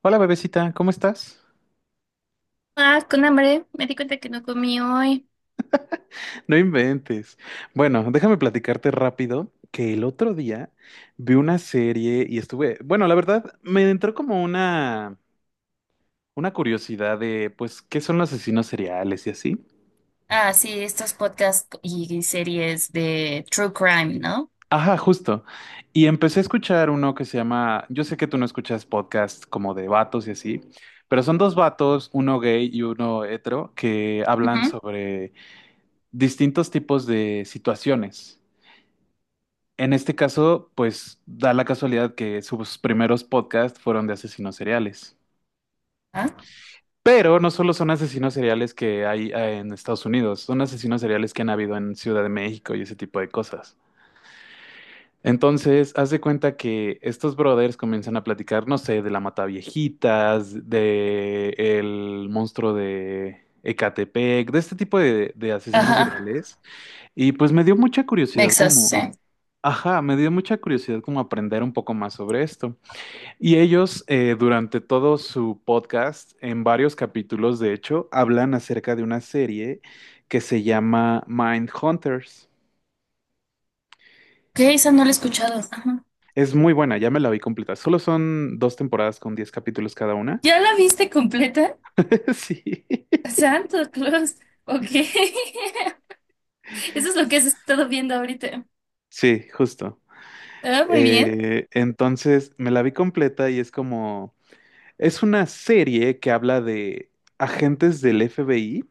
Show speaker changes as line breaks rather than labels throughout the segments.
Hola bebecita, ¿cómo estás?
Ah, con hambre. Me di cuenta que no comí hoy.
No inventes. Bueno, déjame platicarte rápido que el otro día vi una serie y estuve, bueno, la verdad me entró como una curiosidad de pues qué son los asesinos seriales y así.
Ah, sí, estos podcasts y series de True Crime, ¿no?
Ajá, justo. Y empecé a escuchar uno que se llama, yo sé que tú no escuchas podcasts como de vatos y así, pero son dos vatos, uno gay y uno hetero, que hablan
Ujú.
sobre distintos tipos de situaciones. En este caso, pues da la casualidad que sus primeros podcasts fueron de asesinos seriales.
Ah,
Pero no solo son asesinos seriales que hay en Estados Unidos, son asesinos seriales que han habido en Ciudad de México y ese tipo de cosas. Entonces, haz de cuenta que estos brothers comienzan a platicar, no sé, de la Mataviejitas, de el monstruo de Ecatepec, de este tipo de asesinos
ajá,
seriales. Y pues me dio mucha curiosidad
Vexas,
como,
sí.
ajá, me dio mucha curiosidad como aprender un poco más sobre esto. Y ellos, durante todo su podcast, en varios capítulos, de hecho, hablan acerca de una serie que se llama Mindhunters.
¿Qué? Esa no la he escuchado. Ajá.
Es muy buena, ya me la vi completa. Solo son dos temporadas con 10 capítulos cada una.
¿Ya la viste completa?
Sí,
Santo Claus. Ok. Eso es lo que has estado viendo ahorita.
sí, justo.
Ah, muy bien.
Entonces, me la vi completa y es como, es una serie que habla de agentes del FBI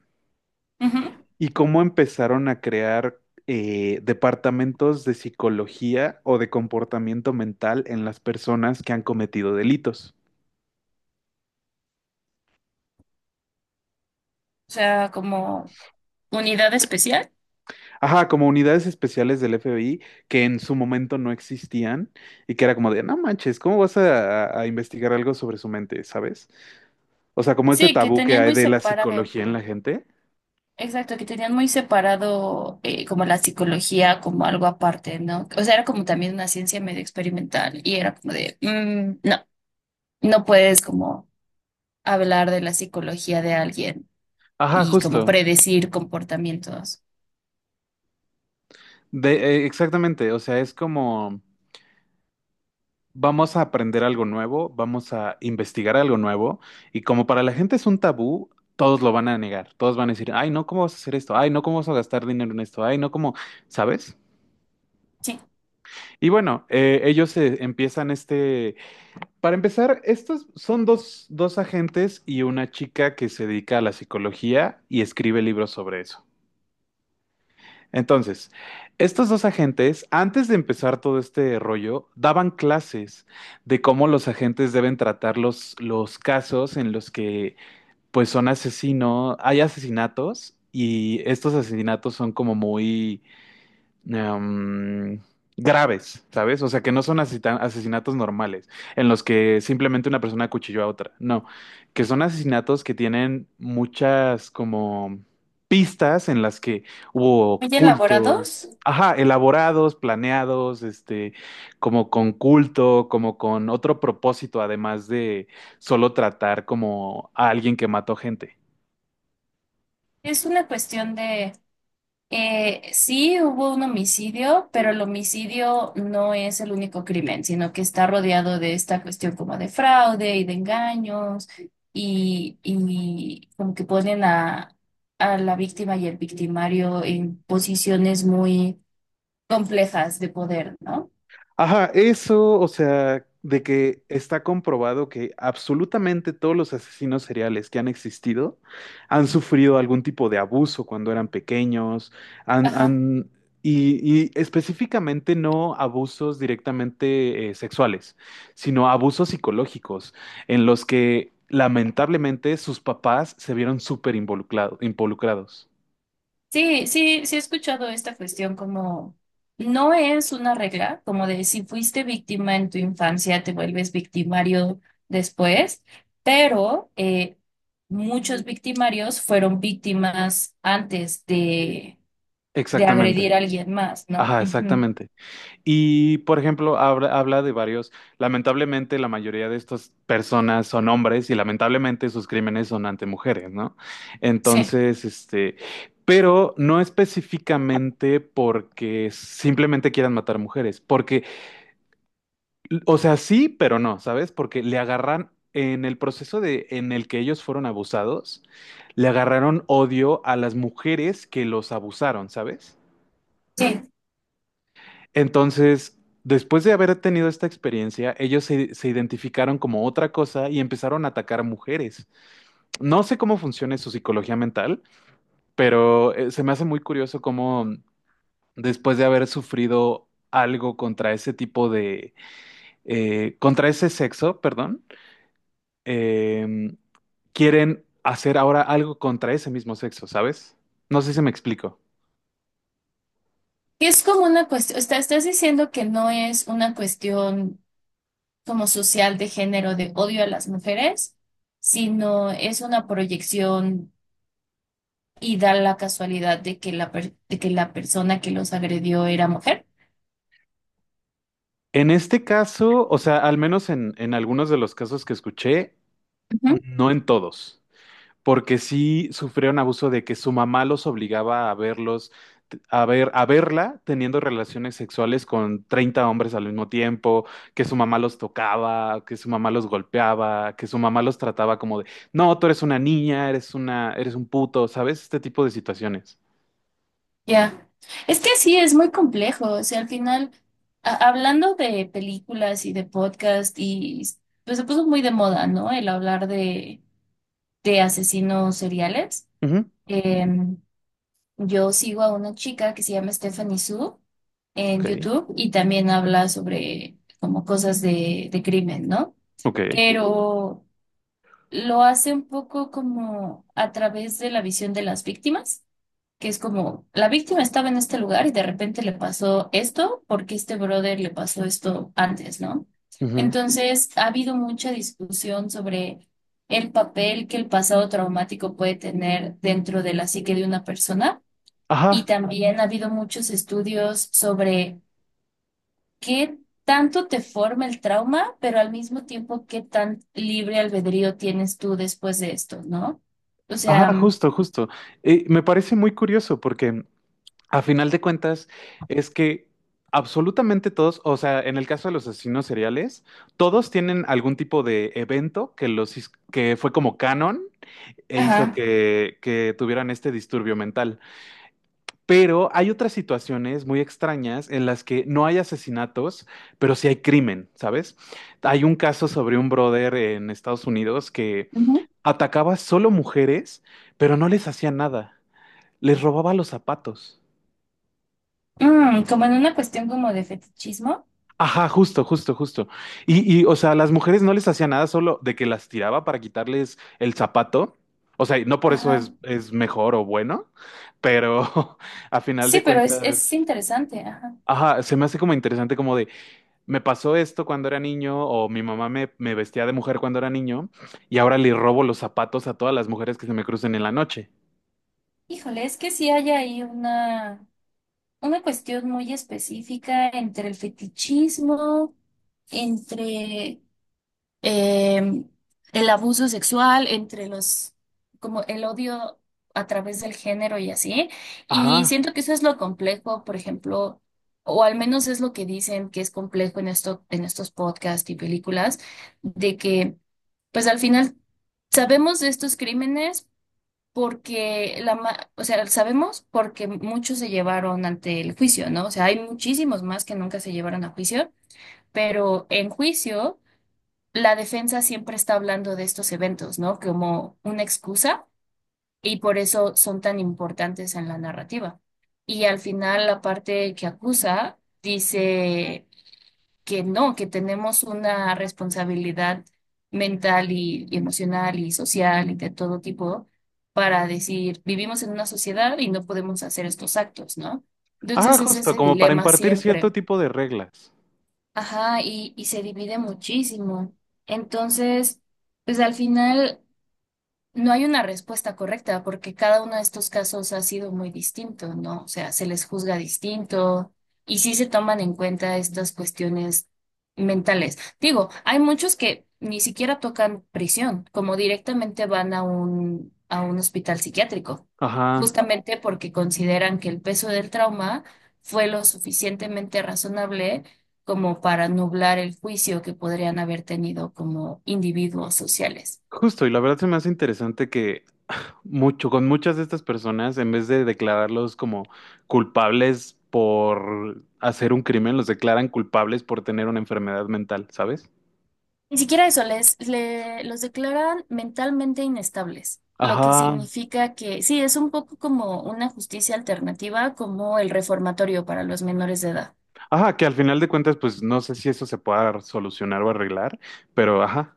Ujú. O
y cómo empezaron a crear departamentos de psicología o de comportamiento mental en las personas que han cometido delitos.
sea, como unidad especial.
Ajá, como unidades especiales del FBI que en su momento no existían y que era como de, no manches, ¿cómo vas a, a investigar algo sobre su mente, ¿sabes? O sea, como este
Sí, que
tabú que
tenían
hay
muy
de la
separado.
psicología en la gente.
Exacto, que tenían muy separado, como la psicología como algo aparte, ¿no? O sea, era como también una ciencia medio experimental y era como de: "Mm, no, no puedes como hablar de la psicología de alguien
Ajá,
y como
justo.
predecir comportamientos".
De, exactamente, o sea, es como... Vamos a aprender algo nuevo, vamos a investigar algo nuevo y como para la gente es un tabú, todos lo van a negar, todos van a decir, ay, no, ¿cómo vas a hacer esto? Ay, no, ¿cómo vas a gastar dinero en esto? Ay, no, ¿cómo? ¿Sabes?
Sí,
Y bueno, ellos empiezan este, para empezar, estos son dos agentes y una chica que se dedica a la psicología y escribe libros sobre eso. Entonces, estos dos agentes, antes de empezar todo este rollo, daban clases de cómo los agentes deben tratar los casos en los que, pues, son asesinos, hay asesinatos y estos asesinatos son como muy em, graves, ¿sabes? O sea, que no son asesinatos normales, en los que simplemente una persona acuchilló a otra. No, que son asesinatos que tienen muchas como pistas en las que hubo
muy
cultos.
elaborados.
Ajá, elaborados, planeados, este, como con culto, como con otro propósito, además de solo tratar como a alguien que mató gente.
Es una cuestión de. Sí, hubo un homicidio, pero el homicidio no es el único crimen, sino que está rodeado de esta cuestión como de fraude y de engaños y como que ponen a la víctima y el victimario en posiciones muy complejas de poder, ¿no?
Ajá, eso, o sea, de que está comprobado que absolutamente todos los asesinos seriales que han existido han sufrido algún tipo de abuso cuando eran pequeños, han,
Ajá.
han- y específicamente no abusos directamente sexuales, sino abusos psicológicos en los que lamentablemente sus papás se vieron súper involucrados.
Sí, sí, sí he escuchado esta cuestión como no es una regla, como de si fuiste víctima en tu infancia, te vuelves victimario después, pero muchos victimarios fueron víctimas antes de,
Exactamente.
agredir a alguien más, ¿no?
Ajá,
Ujú.
exactamente. Y, por ejemplo, habla de varios, lamentablemente la mayoría de estas personas son hombres y lamentablemente sus crímenes son ante mujeres, ¿no?
Sí,
Entonces, este, pero no específicamente porque simplemente quieran matar mujeres, porque, o sea, sí, pero no, ¿sabes? Porque le agarran en el proceso de, en el que ellos fueron abusados, le agarraron odio a las mujeres que los abusaron, ¿sabes?
sí.
Entonces, después de haber tenido esta experiencia, ellos se identificaron como otra cosa y empezaron a atacar mujeres. No sé cómo funciona su psicología mental, pero se me hace muy curioso cómo después de haber sufrido algo contra ese tipo de, contra ese sexo, perdón, eh, quieren hacer ahora algo contra ese mismo sexo, ¿sabes? No sé si me explico.
Y es como una cuestión, estás diciendo que no es una cuestión como social de género de odio a las mujeres, sino es una proyección y da la casualidad de que de que la persona que los agredió era mujer.
En este caso, o sea, al menos en algunos de los casos que escuché,
Ujú.
no en todos. Porque sí sufrieron abuso de que su mamá los obligaba a verlos, a verla teniendo relaciones sexuales con 30 hombres al mismo tiempo, que su mamá los tocaba, que su mamá los golpeaba, que su mamá los trataba como de, no, tú eres una niña, eres una, eres un puto, ¿sabes? Este tipo de situaciones.
Ya. Es que sí, es muy complejo. O sea, al final, hablando de películas y de podcast, y pues se puso muy de moda, ¿no? El hablar de, asesinos seriales.
Ujú.
Em, yo sigo a una chica que se llama Stephanie Su en
Ok,
YouTube y también habla sobre como cosas de crimen, ¿no?
ok.
Pero lo hace un poco como a través de la visión de las víctimas, que es como la víctima estaba en este lugar y de repente le pasó esto porque este brother le pasó esto antes, ¿no?
Ujú.
Entonces ha habido mucha discusión sobre el papel que el pasado traumático puede tener dentro de la psique de una persona y
Ajá,
también ha habido muchos estudios sobre qué tanto te forma el trauma, pero al mismo tiempo qué tan libre albedrío tienes tú después de esto, ¿no? O sea,
ajá,
mm,
justo, justo. Me parece muy curioso porque a final de cuentas, es que absolutamente todos, o sea, en el caso de los asesinos seriales, todos tienen algún tipo de evento que los que fue como canon e hizo
ajá.
que tuvieran este disturbio mental. Pero hay otras situaciones muy extrañas en las que no hay asesinatos, pero sí hay crimen, ¿sabes? Hay un caso sobre un brother en Estados Unidos que
Ujú.
atacaba solo mujeres, pero no les hacía nada. Les robaba los zapatos.
Mm, como en una cuestión como de fetichismo.
Ajá, justo, justo, justo. Y, o sea, las mujeres no les hacía nada solo de que las tiraba para quitarles el zapato. O sea, y no por eso
Ajá.
es mejor o bueno, pero a final
Sí,
de
pero es
cuentas,
interesante, ajá.
ajá, se me hace como interesante como de, me pasó esto cuando era niño o mi mamá me vestía de mujer cuando era niño y ahora le robo los zapatos a todas las mujeres que se me crucen en la noche.
Híjole, es que sí hay ahí una cuestión muy específica entre el fetichismo, entre eh, el abuso sexual entre los, como el odio a través del género y así. Y
Ajá,
siento que eso es lo complejo, por ejemplo, o al menos es lo que dicen que es complejo en esto, en estos podcasts y películas, de que, pues al final sabemos de estos crímenes. Porque o sea, sabemos porque muchos se llevaron ante el juicio, ¿no? O sea, hay muchísimos más que nunca se llevaron a juicio, pero en juicio la defensa siempre está hablando de estos eventos, ¿no? Como una excusa y por eso son tan importantes en la narrativa. Y al final la parte que acusa dice que no, que tenemos una responsabilidad mental y emocional y social y de todo tipo para decir: vivimos en una sociedad y no podemos hacer estos actos, ¿no?
ajá,
Entonces es
justo,
ese
como para
dilema
impartir cierto
siempre.
tipo de reglas.
Ajá, y se divide muchísimo. Entonces, pues al final. No hay una respuesta correcta porque cada uno de estos casos ha sido muy distinto, ¿no? O sea, se les juzga distinto y sí se toman en cuenta estas cuestiones mentales. Digo, hay muchos que ni siquiera tocan prisión, como directamente van a un, hospital psiquiátrico,
Ajá.
justamente porque consideran que el peso del trauma fue lo suficientemente razonable como para nublar el juicio que podrían haber tenido como individuos sociales.
Justo, y la verdad se me hace interesante que mucho, con muchas de estas personas, en vez de declararlos como culpables por hacer un crimen, los declaran culpables por tener una enfermedad mental, ¿sabes?
Ni siquiera eso, los declaran mentalmente inestables, lo que
Ajá,
significa que sí, es un poco como una justicia alternativa, como el reformatorio para los menores de edad.
ajá, que al final de cuentas, pues no sé si eso se pueda solucionar o arreglar, pero ajá.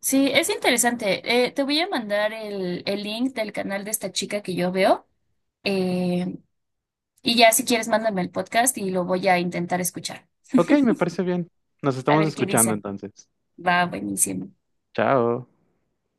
Sí, es interesante. Te voy a mandar el link del canal de esta chica que yo veo. eh, y ya si quieres, mándame el podcast y lo voy a intentar escuchar.
Ok, me parece bien. Nos
A
estamos
ver qué
escuchando
dicen.
entonces.
Va, buenísimo.
Chao.